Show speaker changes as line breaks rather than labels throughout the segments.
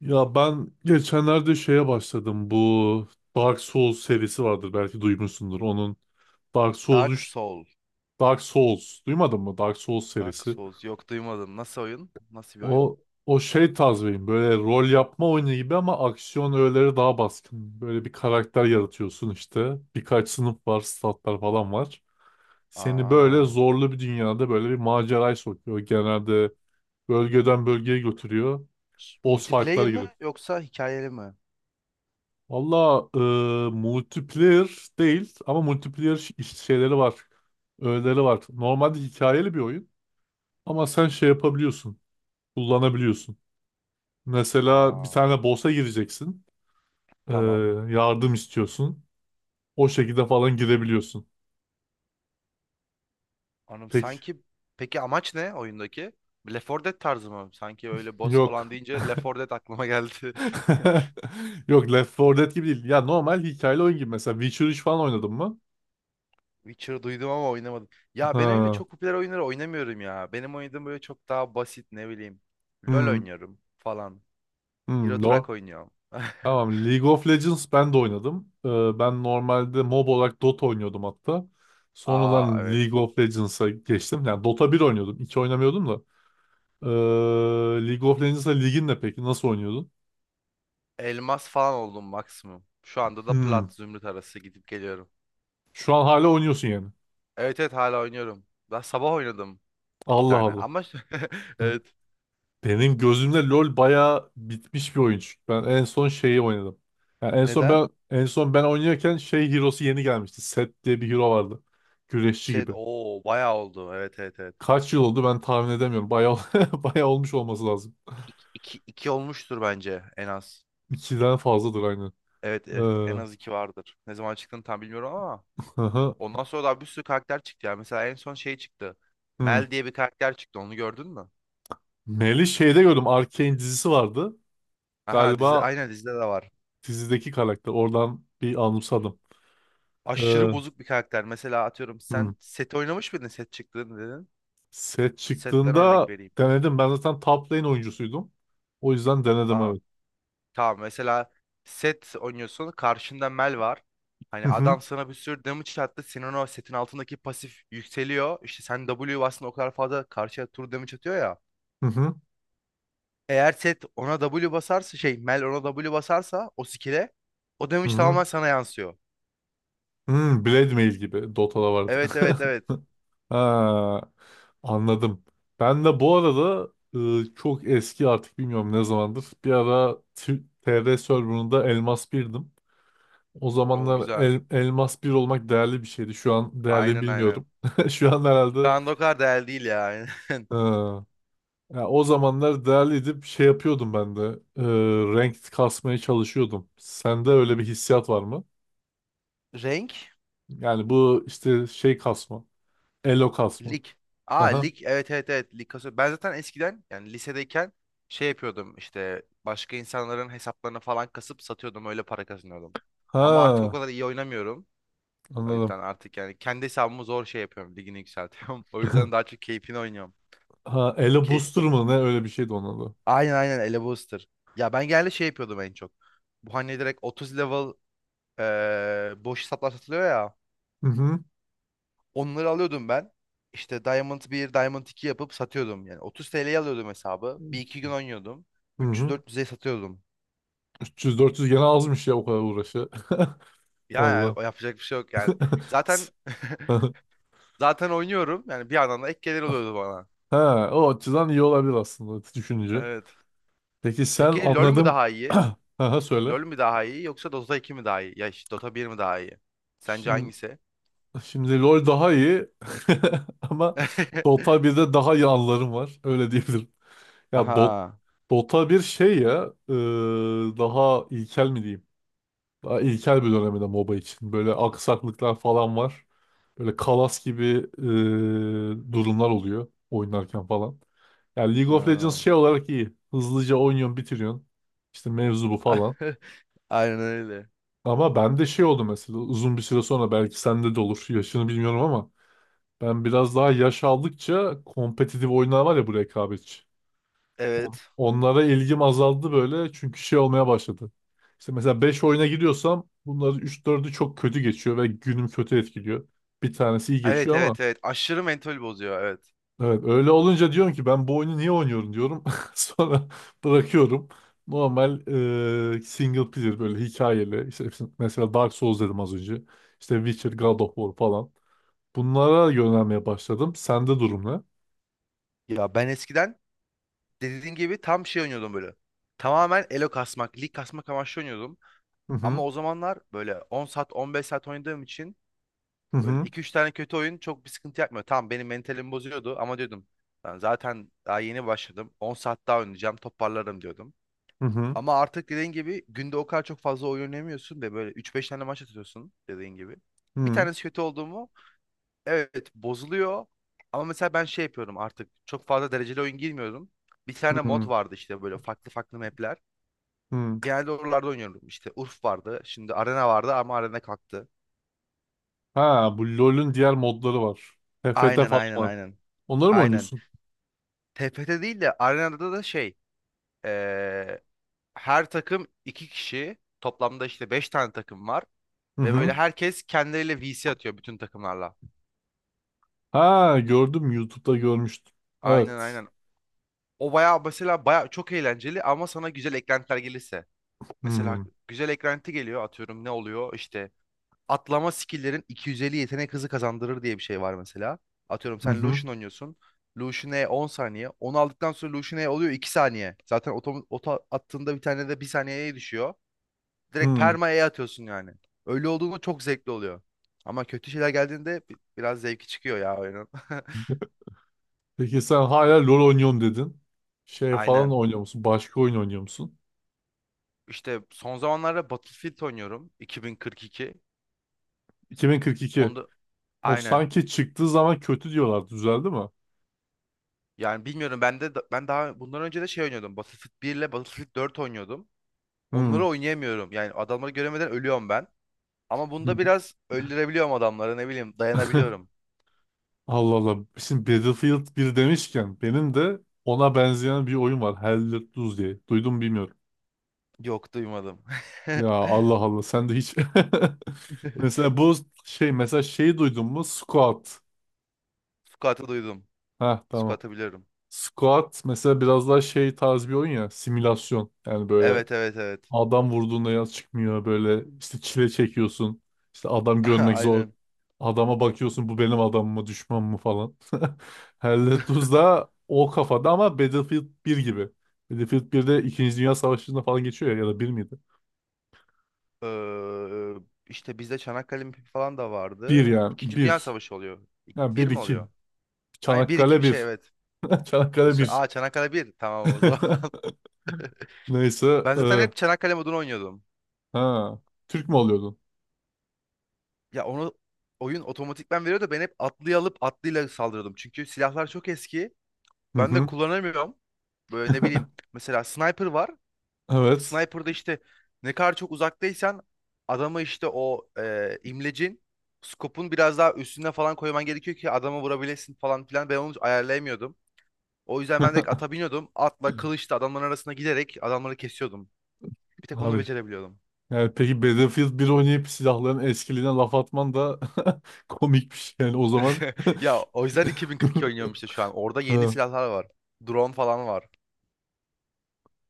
Ya ben geçenlerde şeye başladım. Bu Dark Souls serisi vardır belki duymuşsundur. Onun Dark Souls
Dark
3,
Soul.
Dark Souls duymadın mı? Dark Souls
Dark
serisi.
Souls. Yok, duymadım. Nasıl oyun? Nasıl bir oyun?
O o şey tarzıyım. Böyle rol yapma oyunu gibi ama aksiyon öğeleri daha baskın. Böyle bir karakter yaratıyorsun işte. Birkaç sınıf var, statlar falan var. Seni böyle
Aa.
zorlu bir dünyada böyle bir maceraya sokuyor. Genelde bölgeden bölgeye götürüyor. Boss
Multiplayer
fight'lara
mi
giriyor.
yoksa hikayeli mi?
Valla, multiplayer değil ama multiplayer şeyleri var. Öğeleri var. Normalde hikayeli bir oyun ama sen şey yapabiliyorsun. Kullanabiliyorsun. Mesela bir
Aa.
tane boss'a gireceksin. e,
Tamam.
yardım istiyorsun. O şekilde falan girebiliyorsun.
Anladım.
Peki.
Peki amaç ne oyundaki? Left 4 Dead tarzı mı? Sanki öyle boss falan
Yok.
deyince Left 4 Dead aklıma geldi.
Yok, Left 4 Dead gibi değil. Ya normal hikayeli oyun gibi. Mesela Witcher 3 falan oynadın mı?
Witcher duydum ama oynamadım. Ya ben öyle
Ha.
çok popüler oyunları oynamıyorum ya. Benim oynadığım böyle çok daha basit, ne bileyim. LoL
Hmm.
oynuyorum falan. Euro
Hmm.
Truck
No.
oynuyorum.
Tamam, League of Legends ben de oynadım. Ben normalde mob olarak Dota oynuyordum hatta.
Aa,
Sonradan
evet.
League of Legends'a geçtim. Yani Dota bir oynuyordum. 2 oynamıyordum da. Ee, League of Legends'a ligin ne peki? Nasıl oynuyordun?
Elmas falan oldum maksimum. Şu anda da
Hmm.
plat zümrüt arası gidip geliyorum.
Şu an hala oynuyorsun yani.
Evet, evet, hala oynuyorum. Daha sabah oynadım iki
Allah
tane.
Allah.
Ama
Hı.
evet.
Benim gözümde LoL bayağı bitmiş bir oyun, çünkü ben en son şeyi oynadım. Yani en son
Neden?
ben en son ben oynarken şey hero'su yeni gelmişti. Set diye bir hero vardı. Güreşçi
Set
gibi.
o bayağı oldu. Evet, evet, evet.
Kaç yıl oldu ben tahmin edemiyorum. Bayağı bayağı olmuş olması lazım.
İki, iki, iki olmuştur bence en az.
İkiden fazladır aynen.
Evet, evet, en
Ee,
az iki vardır. Ne zaman çıktığını tam bilmiyorum ama
hı hı.
ondan sonra da bir sürü karakter çıktı ya. Mesela en son şey çıktı.
Hı.
Mel diye bir karakter çıktı. Onu gördün mü?
Mel'i şeyde gördüm. Arcane dizisi vardı.
Aha, dizide,
Galiba
aynen, dizide de var.
dizideki karakter. Oradan bir anımsadım.
Aşırı
Ee,
bozuk bir karakter. Mesela atıyorum,
hı.
sen set oynamış mıydın, set çıktı dedin.
Set
Setten örnek
çıktığında
vereyim.
denedim. Ben zaten top lane oyuncusuydum. O yüzden denedim,
Aa,
evet.
tamam, mesela set oynuyorsun. Karşında Mel var.
Hı
Hani
hı.
adam sana bir sürü damage attı. Senin o setin altındaki pasif yükseliyor. İşte sen W bastın, o kadar fazla karşıya tur damage atıyor ya.
Hı hı.
Eğer set ona W basarsa, şey, Mel ona W basarsa o skill'e o
Hı
damage
hı.
tamamen sana yansıyor.
Hı, Blade Mail gibi Dota'da vardı.
Evet, evet, evet.
Ha, anladım. Ben de bu arada, çok eski, artık bilmiyorum ne zamandır. Bir ara TR serverında Elmas birdim. O
O
zamanlar
güzel.
Elmas bir olmak değerli bir şeydi. Şu an değerli mi
Aynen, aynen.
bilmiyorum. Şu an herhalde
Şu anda o kadar değerli değil ya. Aynen.
ya, o zamanlar değerliydi. Bir şey yapıyordum ben de. E, ranked kasmaya çalışıyordum. Sende öyle bir hissiyat var mı?
Renk
Yani bu işte şey kasma. Elo kasma.
Lig. Aa,
Aha.
lig, evet, evet, evet, lig kasıyor. Ben zaten eskiden, yani lisedeyken, şey yapıyordum işte başka insanların hesaplarını falan kasıp satıyordum, öyle para kazanıyordum. Ama artık o
Ha,
kadar iyi oynamıyorum. O
anladım.
yüzden artık, yani, kendi hesabımı zor şey yapıyorum, ligini yükseltiyorum. O yüzden daha çok keyfini oynuyorum.
Ha, Ele
Ki
Booster mı ne, öyle bir şeydi onun adı.
aynen, aynen, Ele Booster. Ya ben genelde şey yapıyordum en çok. Bu hani direkt 30 level boş hesaplar satılıyor ya.
Hı hı.
Onları alıyordum ben. İşte Diamond bir Diamond 2 yapıp satıyordum. Yani 30 TL'ye alıyordum hesabı. Bir iki gün oynuyordum.
Hı hı.
300-400'e satıyordum.
300-400 gene azmış ya o kadar uğraşı.
Yani
Valla.
yapacak bir şey yok yani. Zaten zaten oynuyorum. Yani bir yandan da ek gelir oluyordu bana.
Ha, o açıdan iyi olabilir aslında, düşününce.
Evet.
Peki, sen,
Peki LoL mü
anladım.
daha iyi?
Aha, söyle.
LoL mü daha iyi yoksa Dota 2 mi daha iyi? Ya işte Dota 1 mi daha iyi? Sence
Şimdi,
hangisi?
şimdi LoL daha iyi ama Dota 1'de daha iyi anılarım var. Öyle diyebilirim. Ya Dota,
Aha.
Dota 1 şey ya, daha ilkel mi diyeyim? Daha ilkel bir döneminde MOBA için. Böyle aksaklıklar falan var. Böyle kalas gibi durumlar oluyor oynarken falan. Yani League of Legends
Ha.
şey olarak iyi. Hızlıca oynuyorsun, bitiriyorsun. İşte mevzu bu falan.
Aynen öyle.
Ama bende şey oldu, mesela uzun bir süre sonra belki sende de olur. Yaşını bilmiyorum ama ben biraz daha yaş aldıkça, kompetitif oyunlar var ya, bu rekabetçi.
Evet.
Onlara ilgim azaldı, böyle çünkü şey olmaya başladı. İşte mesela 5 oyuna giriyorsam bunların üç dördü çok kötü geçiyor ve günüm kötü etkiliyor. Bir tanesi iyi
Evet,
geçiyor ama
evet, evet. Aşırı mentol bozuyor, evet.
evet, öyle olunca diyorum ki, ben bu oyunu niye oynuyorum diyorum. Sonra bırakıyorum. Normal single player, böyle hikayeli. İşte mesela Dark Souls dedim az önce. İşte Witcher, God of War falan. Bunlara yönelmeye başladım. Sende durum ne?
Ya ben eskiden, dediğin gibi, tam şey oynuyordum böyle. Tamamen elo kasmak, lig kasmak amaçlı oynuyordum.
Hı
Ama
hı.
o zamanlar böyle 10 saat, 15 saat oynadığım için
Hı
böyle
hı.
iki üç tane kötü oyun çok bir sıkıntı yapmıyor. Tamam, benim mentalimi bozuyordu ama diyordum ben zaten daha yeni başladım. 10 saat daha oynayacağım, toparlarım diyordum.
Hı hı.
Ama artık dediğin gibi günde o kadar çok fazla oyun oynamıyorsun ve böyle üç beş tane maç atıyorsun dediğin gibi.
Hı
Bir
hı.
tanesi kötü oldu mu, evet, bozuluyor. Ama mesela ben şey yapıyorum artık, çok fazla dereceli oyun girmiyorum. Bir tane mod
Hı
vardı işte, böyle farklı farklı map'ler.
hı.
Genelde oralarda oynuyorum. İşte Urf vardı. Şimdi Arena vardı ama Arena kalktı.
Ha, bu LoL'ün diğer modları var. TFT
Aynen,
falan
aynen,
var.
aynen.
Onları mı
Aynen.
oynuyorsun?
TFT değil de Arena'da da şey. eee, Her takım iki kişi. Toplamda işte beş tane takım var.
Hı
Ve böyle
hı.
herkes kendileriyle VC atıyor bütün takımlarla.
Ha, gördüm, YouTube'da görmüştüm.
Aynen,
Evet.
aynen. O bayağı, mesela, bayağı çok eğlenceli ama sana güzel eklentiler gelirse.
Hı
Mesela
hı.
güzel eklenti geliyor atıyorum, ne oluyor işte, atlama skill'lerin 250 yetenek hızı kazandırır diye bir şey var mesela. Atıyorum sen
Hı.
Lucian oynuyorsun. Lucian E 10 saniye. Onu aldıktan sonra Lucian E oluyor 2 saniye. Zaten oto attığında bir tane de 1 saniyeye düşüyor. Direkt
Hı.
perma E atıyorsun yani. Öyle olduğunda çok zevkli oluyor. Ama kötü şeyler geldiğinde biraz zevki çıkıyor ya oyunun.
Peki, sen
Bi-
hala LoL oynuyorum dedin. Şey falan
Aynen.
oynuyor musun? Başka oyun oynuyor musun?
İşte son zamanlarda Battlefield oynuyorum. 2042.
2042.
Onda
O
aynen.
sanki çıktığı zaman kötü diyorlar. Düzeldi mi?
Yani bilmiyorum ben de ben daha bundan önce de şey oynuyordum. Battlefield 1 ile Battlefield 4 oynuyordum. Onları
Hı.
oynayamıyorum. Yani adamları göremeden ölüyorum ben. Ama bunda biraz öldürebiliyorum adamları, ne bileyim, dayanabiliyorum.
Allah Allah. Şimdi Battlefield bir demişken, benim de ona benzeyen bir oyun var. Hell Let Loose diye. Duydum bilmiyorum.
Yok, duymadım.
Ya Allah Allah, sen de hiç mesela bu şey, mesela şeyi duydun mu, squat?
Squat'ı duydum.
Ha tamam,
Squat'ı biliyorum.
squat mesela biraz daha şey tarz bir oyun, ya simülasyon yani. Böyle
Evet, evet, evet.
adam vurduğunda yaz çıkmıyor, böyle işte çile çekiyorsun, işte adam görmek zor,
Aynen.
adama bakıyorsun bu benim adam mı düşman mı falan. Hell Let Loose da o kafada ama Battlefield bir gibi. Battlefield 1'de 2. Dünya Savaşı'nda falan geçiyor ya, ya da bir miydi?
Ee, işte bizde Çanakkale mipi falan da
Bir,
vardı.
yani
İkinci Dünya
bir.
Savaşı oluyor.
Yani
Bir
bir
mi
iki.
oluyor? Aynen, bir iki,
Çanakkale
bir şey,
bir.
evet.
Çanakkale bir.
Aa, Çanakkale bir. Tamam o zaman.
Neyse.
Ben zaten
e,
hep Çanakkale modunu oynuyordum.
ha. Türk mü oluyordun?
Ya onu oyun otomatikman veriyor da ben hep atlıyı alıp atlıyla saldırıyordum. Çünkü silahlar çok eski.
Hı
Ben de
hı.
kullanamıyorum. Böyle ne bileyim. Mesela sniper var.
Evet.
Sniper'da işte ne kadar çok uzaktaysan adamı işte o imlecin, skopun biraz daha üstüne falan koyman gerekiyor ki adamı vurabilesin falan filan. Ben onu ayarlayamıyordum. O yüzden ben direkt ata biniyordum. Atla, kılıçla adamların arasına giderek adamları kesiyordum. Bir tek onu
Abi.
becerebiliyordum.
Yani peki Battlefield 1 oynayıp silahların eskiliğine laf atman da komik bir şey. Yani, o zaman.
Ya o yüzden 2042 oynuyorum işte şu an. Orada yeni
Ha.
silahlar var. Drone falan var.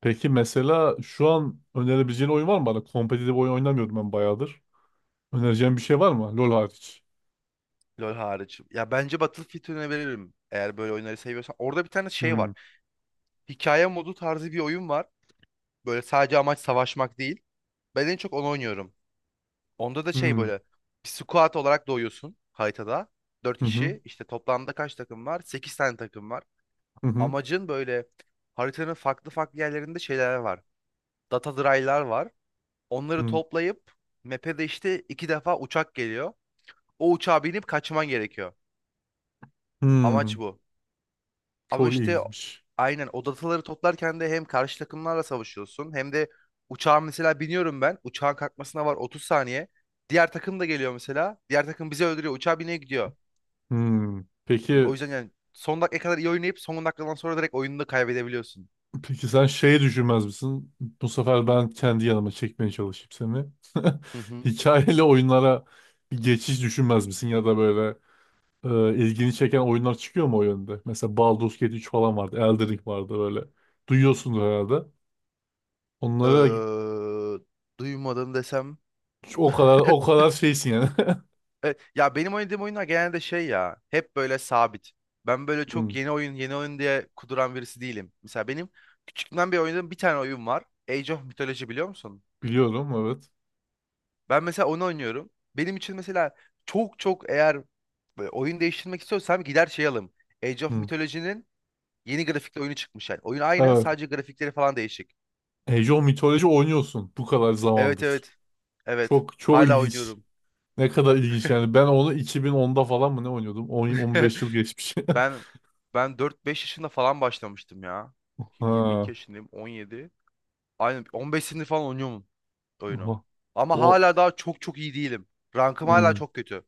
Peki mesela şu an önerebileceğin oyun var mı bana? Kompetitif oyun oynamıyordum ben bayağıdır. Önereceğin bir şey var mı? LoL hariç.
LoL hariç. Ya bence Battlefield önerebilirim. Eğer böyle oyunları seviyorsan, orada bir tane şey
Hmm.
var. Hikaye modu tarzı bir oyun var. Böyle sadece amaç savaşmak değil. Ben en çok onu oynuyorum. Onda da şey,
Hmm.
böyle bir squad olarak doğuyorsun haritada. 4
Hı hı.
kişi. İşte toplamda kaç takım var? 8 tane takım var.
Hı hı.
Amacın böyle, haritanın farklı farklı yerlerinde şeyler var. Data dry'lar var. Onları
Hı.
toplayıp map'e de işte iki defa uçak geliyor. O uçağa binip kaçman gerekiyor. Amaç
Hmm.
bu. Ama
Çok
işte
iyiymiş.
aynen, o dataları toplarken de hem karşı takımlarla savaşıyorsun hem de uçağa, mesela, biniyorum ben. Uçağın kalkmasına var 30 saniye. Diğer takım da geliyor mesela. Diğer takım bizi öldürüyor. Uçağa bineye gidiyor.
Hmm.
Yani o
Peki.
yüzden, yani son dakikaya kadar iyi oynayıp son dakikadan sonra direkt oyunu da kaybedebiliyorsun.
Peki, sen şey düşünmez misin? Bu sefer ben kendi yanıma çekmeye çalışayım seni.
Hı hı.
Hikayeli oyunlara bir geçiş düşünmez misin? Ya da böyle ilgini çeken oyunlar çıkıyor mu o yönde? Mesela Baldur's Gate 3 falan vardı. Elden Ring vardı böyle. Duyuyorsundur herhalde. Onlara
Duymadım desem...
o kadar, o kadar şeysin yani.
Evet, ya benim oynadığım oyunlar genelde şey, ya, hep böyle sabit. Ben böyle
Hmm,
çok yeni oyun yeni oyun diye kuduran birisi değilim. Mesela benim küçüklüğümden beri oynadığım bir tane oyun var. Age of Mythology biliyor musun?
biliyorum evet.
Ben mesela onu oynuyorum. Benim için mesela çok çok, eğer böyle oyun değiştirmek istiyorsam gider şey alım. Age of
Hmm,
Mythology'nin yeni grafikli oyunu çıkmış yani. Oyun aynı,
evet.
sadece grafikleri falan değişik.
Age of Mythology oynuyorsun bu kadar
Evet,
zamandır.
evet, evet,
Çok çok
hala
ilginç.
oynuyorum.
Ne kadar ilginç yani. Ben onu 2010'da falan mı ne oynuyordum? 10, 15 yıl geçmiş.
Ben ben dört beş yaşında falan başlamıştım ya. Şimdi 22
Ha.
yaşındayım, 17. Aynen, 15 senedir falan oynuyorum oyunu.
Oha.
Ama
O
hala daha çok çok iyi değilim. Rankım hala
hmm.
çok kötü.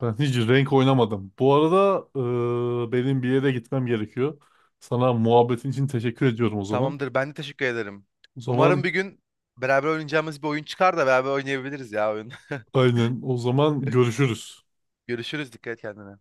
Ben hiç renk oynamadım. Bu arada, benim bir yere gitmem gerekiyor. Sana muhabbetin için teşekkür ediyorum o zaman.
Tamamdır, ben de teşekkür ederim.
O
Umarım
zaman
bir gün beraber oynayacağımız bir oyun çıkar da beraber oynayabiliriz ya oyun.
aynen. O zaman görüşürüz.
Görüşürüz, dikkat et kendine.